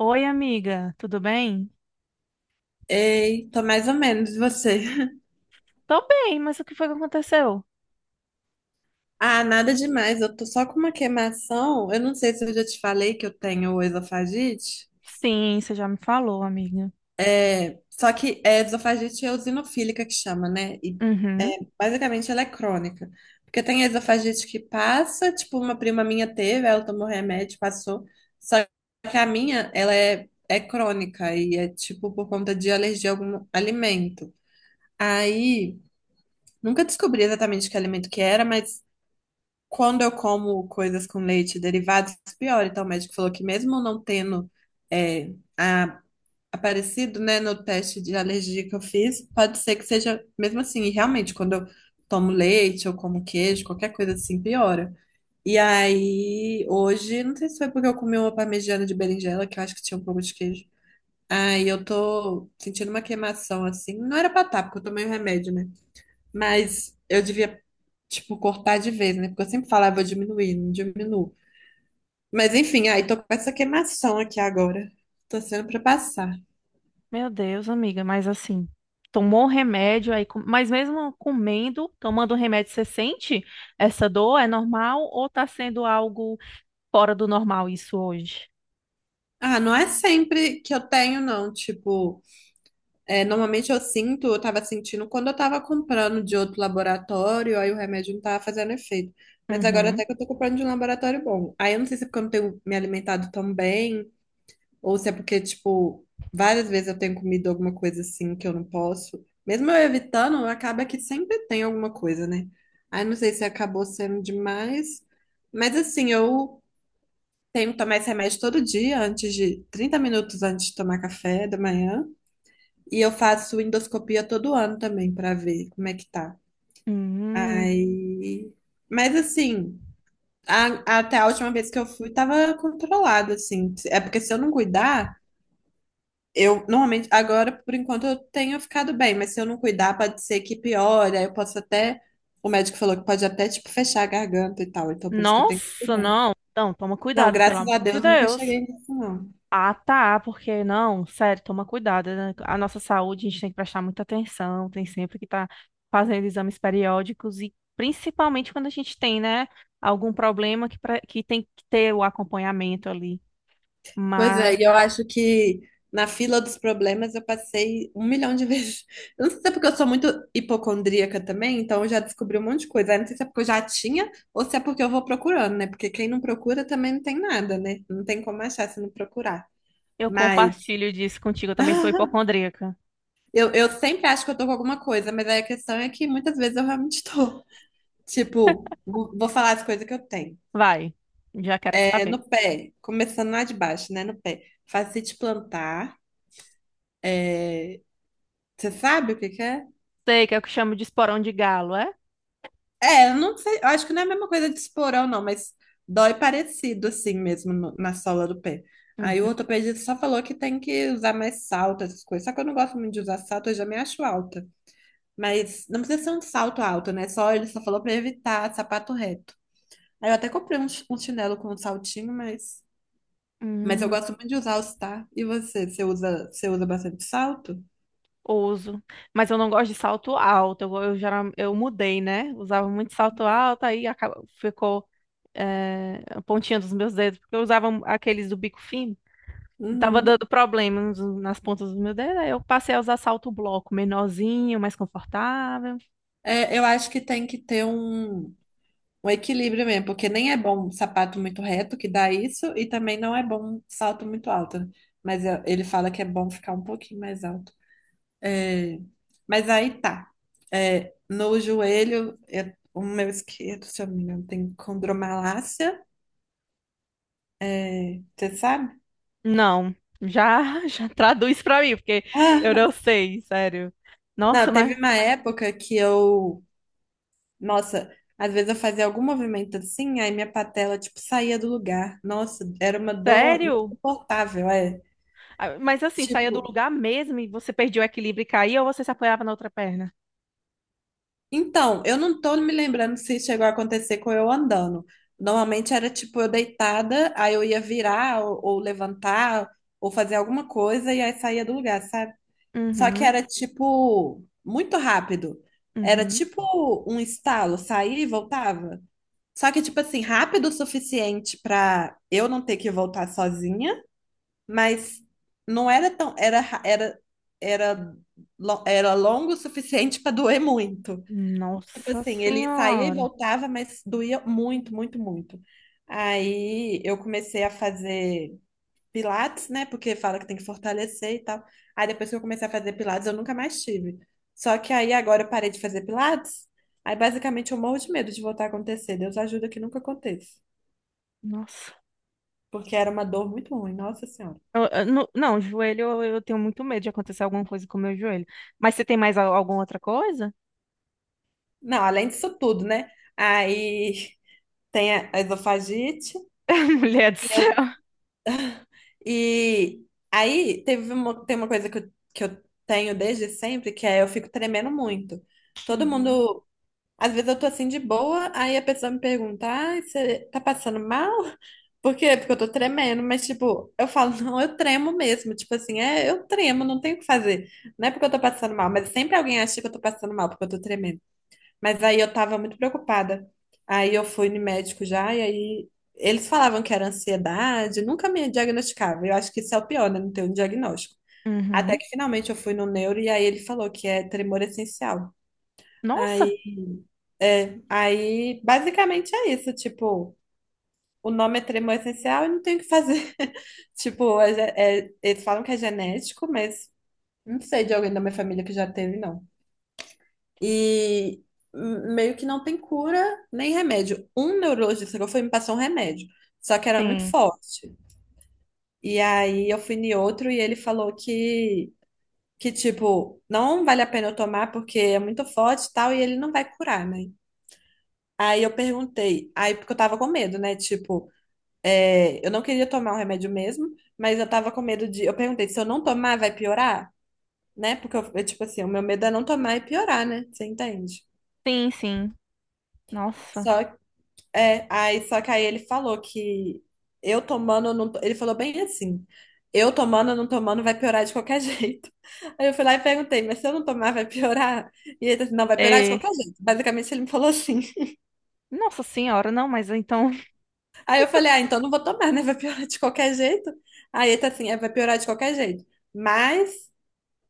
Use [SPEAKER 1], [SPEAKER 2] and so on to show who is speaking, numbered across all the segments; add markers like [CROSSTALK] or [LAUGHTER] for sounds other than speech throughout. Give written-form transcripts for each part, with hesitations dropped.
[SPEAKER 1] Oi, amiga, tudo bem?
[SPEAKER 2] Ei, tô mais ou menos, e você?
[SPEAKER 1] Tô bem, mas o que foi que aconteceu?
[SPEAKER 2] Ah, nada demais, eu tô só com uma queimação. Eu não sei se eu já te falei que eu tenho esofagite.
[SPEAKER 1] Sim, você já me falou, amiga.
[SPEAKER 2] Só que esofagite é eosinofílica que chama, né? E
[SPEAKER 1] Uhum.
[SPEAKER 2] basicamente ela é crônica. Porque tem esofagite que passa, tipo, uma prima minha teve, ela tomou remédio, passou. Só que a minha, ela é crônica e é tipo por conta de alergia a algum alimento. Aí, nunca descobri exatamente que alimento que era, mas quando eu como coisas com leite, derivados, pior. Então, o médico falou que mesmo não tendo é, a- aparecido, né, no teste de alergia que eu fiz, pode ser que seja mesmo assim. E realmente, quando eu tomo leite ou como queijo, qualquer coisa assim, piora. E aí, hoje, não sei se foi porque eu comi uma parmegiana de berinjela, que eu acho que tinha um pouco de queijo. Aí eu tô sentindo uma queimação assim. Não era pra tá, porque eu tomei o remédio, né? Mas eu devia, tipo, cortar de vez, né? Porque eu sempre falava, "Ah, vou diminuir, não diminuo." Mas enfim, aí tô com essa queimação aqui agora. Tô sendo pra passar.
[SPEAKER 1] Meu Deus, amiga, mas assim, tomou o remédio aí, mas mesmo comendo, tomando o remédio, você sente essa dor? É normal ou tá sendo algo fora do normal isso hoje?
[SPEAKER 2] Ah, não é sempre que eu tenho, não. Tipo, normalmente eu sinto, eu tava sentindo quando eu tava comprando de outro laboratório, aí o remédio não tava fazendo efeito. Mas agora
[SPEAKER 1] Uhum.
[SPEAKER 2] até que eu tô comprando de um laboratório bom. Aí eu não sei se é porque eu não tenho me alimentado tão bem, ou se é porque, tipo, várias vezes eu tenho comido alguma coisa assim que eu não posso. Mesmo eu evitando, acaba que sempre tem alguma coisa, né? Aí não sei se acabou sendo demais. Mas assim, eu tenho que tomar esse remédio todo dia, antes de 30 minutos antes de tomar café da manhã. E eu faço endoscopia todo ano também pra ver como é que tá.
[SPEAKER 1] Hum.
[SPEAKER 2] Aí. Mas assim, até a última vez que eu fui, tava controlado, assim. É porque se eu não cuidar. Eu normalmente, agora, por enquanto, eu tenho ficado bem, mas se eu não cuidar, pode ser que piore. Aí eu posso até. O médico falou que pode até, tipo, fechar a garganta e tal. Então, por isso que eu tenho que
[SPEAKER 1] Nossa,
[SPEAKER 2] cuidar.
[SPEAKER 1] não. Então, toma
[SPEAKER 2] Não,
[SPEAKER 1] cuidado, pelo
[SPEAKER 2] graças a
[SPEAKER 1] amor de
[SPEAKER 2] Deus, nunca
[SPEAKER 1] Deus.
[SPEAKER 2] cheguei nisso, não.
[SPEAKER 1] Ah, tá, porque não, sério, toma cuidado, né? A nossa saúde, a gente tem que prestar muita atenção, tem sempre que estar fazendo exames periódicos e principalmente quando a gente tem, né, algum problema que tem que ter o acompanhamento ali.
[SPEAKER 2] Pois é, e eu
[SPEAKER 1] Mas
[SPEAKER 2] acho que na fila dos problemas eu passei um milhão de vezes. [LAUGHS] Eu não sei se é porque eu sou muito hipocondríaca também, então eu já descobri um monte de coisa. Aí não sei se é porque eu já tinha ou se é porque eu vou procurando, né? Porque quem não procura também não tem nada, né? Não tem como achar se não procurar.
[SPEAKER 1] eu
[SPEAKER 2] Mas.
[SPEAKER 1] compartilho disso contigo, eu também sou
[SPEAKER 2] [LAUGHS]
[SPEAKER 1] hipocondríaca.
[SPEAKER 2] Eu sempre acho que eu tô com alguma coisa, mas aí a questão é que muitas vezes eu realmente tô. [LAUGHS] Tipo, vou falar as coisas que eu tenho.
[SPEAKER 1] Vai, já quero
[SPEAKER 2] É, no
[SPEAKER 1] saber.
[SPEAKER 2] pé, começando lá de baixo, né? No pé. Fascite plantar. Você sabe o que que é?
[SPEAKER 1] Sei que é o que chamo de esporão de galo, é?
[SPEAKER 2] É, eu não sei. Eu acho que não é a mesma coisa de esporão, não, mas dói parecido assim mesmo na sola do pé. Aí o
[SPEAKER 1] Uhum.
[SPEAKER 2] ortopedista só falou que tem que usar mais salto, essas coisas. Só que eu não gosto muito de usar salto, eu já me acho alta. Mas não precisa ser um salto alto, né? Só ele só falou pra evitar sapato reto. Aí eu até comprei um chinelo com um saltinho, mas eu
[SPEAKER 1] Hum,
[SPEAKER 2] gosto muito de usar os tá. E você? Você usa bastante salto?
[SPEAKER 1] ouso. Mas eu não gosto de salto alto. Eu mudei, né? Usava muito salto alto, ficou. É a pontinha dos meus dedos, porque eu usava um, aqueles do bico fino. E tava
[SPEAKER 2] Uhum.
[SPEAKER 1] dando problemas nas pontas dos meus dedos, aí eu passei a usar salto bloco, menorzinho, mais confortável.
[SPEAKER 2] É, eu acho que tem que ter um equilíbrio mesmo, porque nem é bom sapato muito reto, que dá isso, e também não é bom salto muito alto, né? Mas ele fala que é bom ficar um pouquinho mais alto. É, mas aí tá. É, no joelho, o meu esquerdo, se eu não me engano, tem condromalácia. É, você sabe?
[SPEAKER 1] Não, já, [LAUGHS] já traduz pra mim, porque eu não
[SPEAKER 2] [LAUGHS]
[SPEAKER 1] sei, sério. Nossa,
[SPEAKER 2] Não, teve
[SPEAKER 1] mas
[SPEAKER 2] uma época que eu, nossa, às vezes eu fazia algum movimento assim, aí minha patela, tipo, saía do lugar. Nossa, era uma dor
[SPEAKER 1] sério?
[SPEAKER 2] insuportável, é.
[SPEAKER 1] Ah, mas assim, saía
[SPEAKER 2] Tipo,
[SPEAKER 1] do lugar mesmo e você perdia o equilíbrio e caía ou você se apoiava na outra perna?
[SPEAKER 2] então, eu não tô me lembrando se chegou a acontecer com eu andando. Normalmente era tipo eu deitada, aí eu ia virar ou levantar ou fazer alguma coisa e aí saía do lugar, sabe? Só que
[SPEAKER 1] Uhum,
[SPEAKER 2] era tipo muito rápido. Era
[SPEAKER 1] uhum.
[SPEAKER 2] tipo um estalo, saía e voltava. Só que, tipo assim, rápido o suficiente pra eu não ter que voltar sozinha, mas não era tão. Era, ra- era, era, lo- era longo o suficiente pra doer muito. Tipo
[SPEAKER 1] Nossa
[SPEAKER 2] assim, ele saía e
[SPEAKER 1] senhora.
[SPEAKER 2] voltava, mas doía muito, muito, muito. Aí eu comecei a fazer pilates, né? Porque fala que tem que fortalecer e tal. Aí depois que eu comecei a fazer pilates, eu nunca mais tive. Só que aí agora eu parei de fazer pilates. Aí basicamente eu morro de medo de voltar a acontecer. Deus ajuda que nunca aconteça.
[SPEAKER 1] Nossa.
[SPEAKER 2] Porque era uma dor muito ruim, nossa senhora.
[SPEAKER 1] Eu não, não, joelho, eu tenho muito medo de acontecer alguma coisa com o meu joelho. Mas você tem mais alguma outra coisa?
[SPEAKER 2] Não, além disso tudo, né? Aí [LAUGHS] tem a esofagite
[SPEAKER 1] [LAUGHS] Mulher do
[SPEAKER 2] e eu
[SPEAKER 1] céu.
[SPEAKER 2] e aí tem uma coisa que eu tenho desde sempre, que é eu fico tremendo muito. Todo
[SPEAKER 1] Uhum.
[SPEAKER 2] mundo, às vezes eu tô assim de boa, aí a pessoa me pergunta: "Ai, você tá passando mal?" [LAUGHS] Por quê? Porque eu tô tremendo, mas tipo, eu falo, não, eu tremo mesmo, tipo assim, eu tremo, não tenho o que fazer. Não é porque eu tô passando mal, mas sempre alguém acha que eu tô passando mal porque eu tô tremendo. Mas aí eu tava muito preocupada. Aí eu fui no médico já, e aí eles falavam que era ansiedade, nunca me diagnosticava. Eu acho que isso é o pior, né? Não ter um diagnóstico. Até
[SPEAKER 1] Uhum.
[SPEAKER 2] que finalmente eu fui no neuro e aí ele falou que é tremor essencial.
[SPEAKER 1] Nossa,
[SPEAKER 2] Aí, aí basicamente é isso, tipo, o nome é tremor essencial e não tem o que fazer. [LAUGHS] Tipo, eles falam que é genético, mas não sei de alguém da minha família que já teve, não. E meio que não tem cura nem remédio. Um neurologista que eu fui me passou um remédio, só que era muito
[SPEAKER 1] sim.
[SPEAKER 2] forte. E aí eu fui em outro e ele falou que tipo, não vale a pena eu tomar porque é muito forte e tal, e ele não vai curar, né? Aí eu perguntei, aí porque eu tava com medo, né? Tipo, eu não queria tomar um remédio mesmo, mas eu tava com medo de. Eu perguntei, se eu não tomar, vai piorar? Né? Porque tipo assim, o meu medo é não tomar e piorar, né? Você entende?
[SPEAKER 1] Sim, sim. Nossa.
[SPEAKER 2] Só É, aí só que aí ele falou que eu tomando, não, to- ele falou bem assim, eu tomando, não tomando, vai piorar de qualquer [LAUGHS] jeito. Aí eu fui lá e perguntei, mas se eu não tomar, vai piorar? E ele disse, não, vai piorar de
[SPEAKER 1] É.
[SPEAKER 2] qualquer jeito. Basicamente ele me falou assim. [LAUGHS]
[SPEAKER 1] Nossa senhora, não, mas então. [LAUGHS]
[SPEAKER 2] Aí eu falei, ah, então não vou tomar, né? Vai piorar de qualquer jeito. Aí ele tá assim, é, vai piorar de qualquer jeito. Mas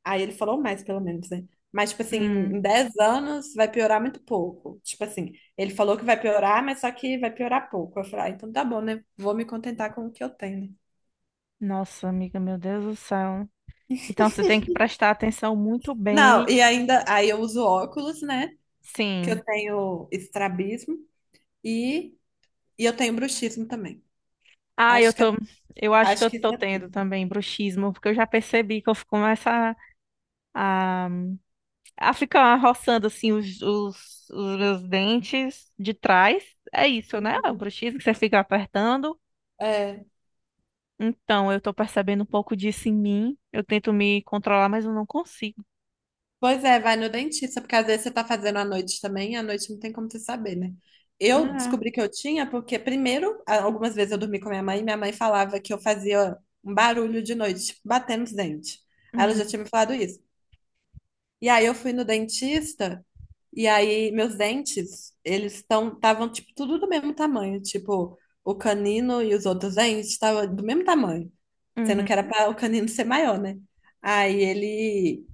[SPEAKER 2] Aí ele falou mais, pelo menos, né? Mas, tipo assim,
[SPEAKER 1] Hum.
[SPEAKER 2] em 10 anos vai piorar muito pouco. Tipo assim, ele falou que vai piorar, mas só que vai piorar pouco. Eu falei, ah, então tá bom, né? Vou me contentar com o que eu tenho, né?
[SPEAKER 1] Nossa, amiga, meu Deus do céu. Então você tem que prestar atenção muito
[SPEAKER 2] Não,
[SPEAKER 1] bem.
[SPEAKER 2] e ainda, aí eu uso óculos, né? Que
[SPEAKER 1] Sim.
[SPEAKER 2] eu tenho estrabismo e, e eu tenho bruxismo também.
[SPEAKER 1] Ah, eu
[SPEAKER 2] Acho que,
[SPEAKER 1] tô. Eu acho que
[SPEAKER 2] acho
[SPEAKER 1] eu
[SPEAKER 2] que
[SPEAKER 1] tô
[SPEAKER 2] isso é
[SPEAKER 1] tendo
[SPEAKER 2] tudo.
[SPEAKER 1] também bruxismo, porque eu já percebi que eu começo a, ah, fica roçando assim os meus dentes de trás. É isso, né? É o
[SPEAKER 2] Uhum.
[SPEAKER 1] bruxismo que você fica apertando.
[SPEAKER 2] É.
[SPEAKER 1] Então, eu tô percebendo um pouco disso em mim. Eu tento me controlar, mas eu não consigo.
[SPEAKER 2] Pois é, vai no dentista, porque às vezes você tá fazendo à noite também, e à noite não tem como você saber, né? Eu
[SPEAKER 1] Ah,
[SPEAKER 2] descobri que eu tinha porque, primeiro, algumas vezes eu dormi com minha mãe, e minha mãe falava que eu fazia um barulho de noite, tipo, batendo os dentes. Aí ela
[SPEAKER 1] hum,
[SPEAKER 2] já tinha me falado isso. E aí eu fui no dentista, e aí meus dentes, eles estão, estavam, tipo, tudo do mesmo tamanho, tipo, o canino e os outros dentes estavam do mesmo tamanho, sendo
[SPEAKER 1] uhum,
[SPEAKER 2] que era para o canino ser maior, né? Aí ele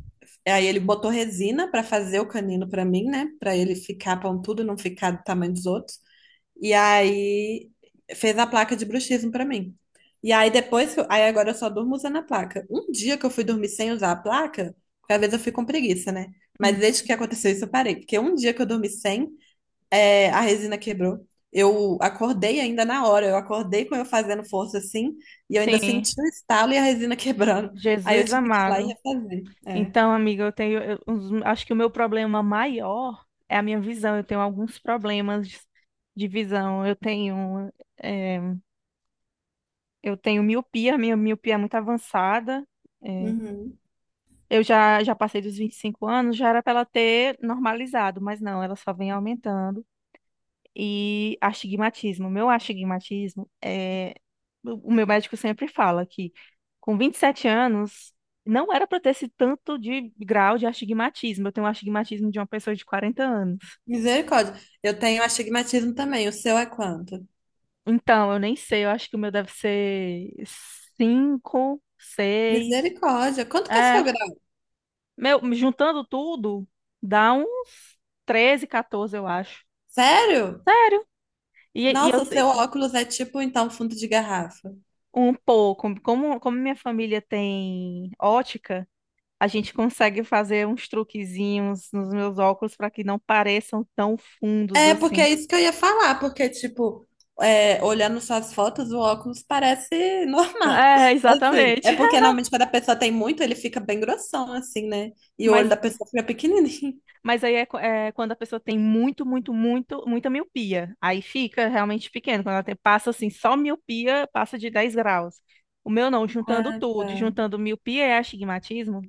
[SPEAKER 2] Aí ele botou resina pra fazer o canino pra mim, né? Pra ele ficar pontudo, não ficar do tamanho dos outros. E aí fez a placa de bruxismo pra mim. E aí depois, aí agora eu só durmo usando a placa. Um dia que eu fui dormir sem usar a placa, porque às vezes eu fico com preguiça, né? Mas
[SPEAKER 1] uhum.
[SPEAKER 2] desde que aconteceu isso eu parei, porque um dia que eu dormi sem, a resina quebrou. Eu acordei ainda na hora, eu acordei com eu fazendo força assim, e eu ainda
[SPEAKER 1] Sim,
[SPEAKER 2] senti o estalo e a resina [LAUGHS] quebrando. Aí eu
[SPEAKER 1] Jesus
[SPEAKER 2] tive que ir lá e
[SPEAKER 1] amado.
[SPEAKER 2] refazer. É.
[SPEAKER 1] Então, amiga, eu tenho. Acho que o meu problema maior é a minha visão. Eu tenho alguns problemas de visão. Eu tenho, eh, eu tenho miopia, minha miopia é muito avançada. É,
[SPEAKER 2] Uhum.
[SPEAKER 1] eu já, já passei dos 25 anos, já era para ela ter normalizado, mas não, ela só vem aumentando. E astigmatismo, meu astigmatismo é. O meu médico sempre fala que com 27 anos não era para ter esse tanto de grau de astigmatismo. Eu tenho um astigmatismo de uma pessoa de 40 anos.
[SPEAKER 2] Misericórdia. Eu tenho astigmatismo também. O seu é quanto?
[SPEAKER 1] Então, eu nem sei, eu acho que o meu deve ser 5, 6.
[SPEAKER 2] Misericórdia. Quanto que é seu
[SPEAKER 1] É,
[SPEAKER 2] grau?
[SPEAKER 1] meu, juntando tudo, dá uns 13, 14, eu acho.
[SPEAKER 2] Sério?
[SPEAKER 1] Sério? E, e
[SPEAKER 2] Nossa,
[SPEAKER 1] eu
[SPEAKER 2] o
[SPEAKER 1] te-
[SPEAKER 2] seu óculos é tipo, então, fundo de garrafa.
[SPEAKER 1] Um pouco, como, como minha família tem ótica, a gente consegue fazer uns truquezinhos nos meus óculos para que não pareçam tão fundos
[SPEAKER 2] É, porque
[SPEAKER 1] assim.
[SPEAKER 2] é isso que eu ia falar, porque, tipo, olhando suas fotos, o óculos parece normal.
[SPEAKER 1] É,
[SPEAKER 2] [LAUGHS] Assim, é
[SPEAKER 1] exatamente.
[SPEAKER 2] porque normalmente quando a pessoa tem muito, ele fica bem grossão, assim, né?
[SPEAKER 1] [LAUGHS]
[SPEAKER 2] E o olho
[SPEAKER 1] Mas,
[SPEAKER 2] da pessoa fica pequenininho. [LAUGHS]
[SPEAKER 1] mas aí é, é quando a pessoa tem muito, muito, muito, muita miopia. Aí fica realmente pequeno. Quando ela passa assim, só miopia, passa de 10 graus. O meu não, juntando
[SPEAKER 2] Ah,
[SPEAKER 1] tudo,
[SPEAKER 2] tá.
[SPEAKER 1] juntando miopia e astigmatismo,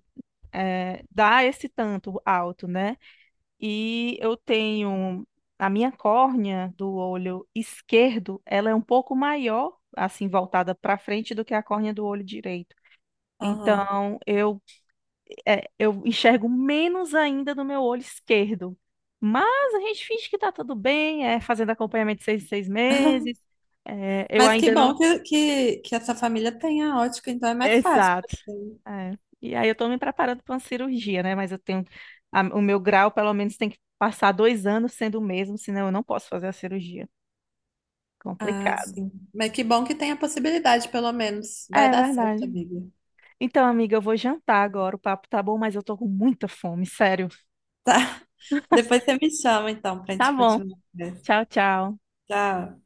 [SPEAKER 1] é, dá esse tanto alto, né? E eu tenho a minha córnea do olho esquerdo, ela é um pouco maior, assim, voltada para frente do que a córnea do olho direito.
[SPEAKER 2] Aham.
[SPEAKER 1] Então, eu, é, eu enxergo menos ainda no meu olho esquerdo. Mas a gente finge que tá tudo bem, é fazendo acompanhamento de seis em seis meses. É, eu
[SPEAKER 2] Mas que
[SPEAKER 1] ainda
[SPEAKER 2] bom
[SPEAKER 1] não.
[SPEAKER 2] que essa família tenha ótica, então é
[SPEAKER 1] [LAUGHS]
[SPEAKER 2] mais fácil, pra
[SPEAKER 1] Exato.
[SPEAKER 2] você.
[SPEAKER 1] É. E aí eu tô me preparando para uma cirurgia, né? Mas eu tenho. O meu grau, pelo menos, tem que passar 2 anos sendo o mesmo, senão eu não posso fazer a cirurgia.
[SPEAKER 2] Ah,
[SPEAKER 1] Complicado.
[SPEAKER 2] sim. Mas que bom que tem a possibilidade, pelo menos. Vai
[SPEAKER 1] É
[SPEAKER 2] dar certo,
[SPEAKER 1] verdade.
[SPEAKER 2] amiga.
[SPEAKER 1] Então, amiga, eu vou jantar agora. O papo tá bom, mas eu tô com muita fome, sério.
[SPEAKER 2] Tá? [LAUGHS] Depois você me chama, então, pra
[SPEAKER 1] Tá
[SPEAKER 2] gente
[SPEAKER 1] bom.
[SPEAKER 2] continuar a conversa.
[SPEAKER 1] Tchau, tchau.
[SPEAKER 2] Tchau.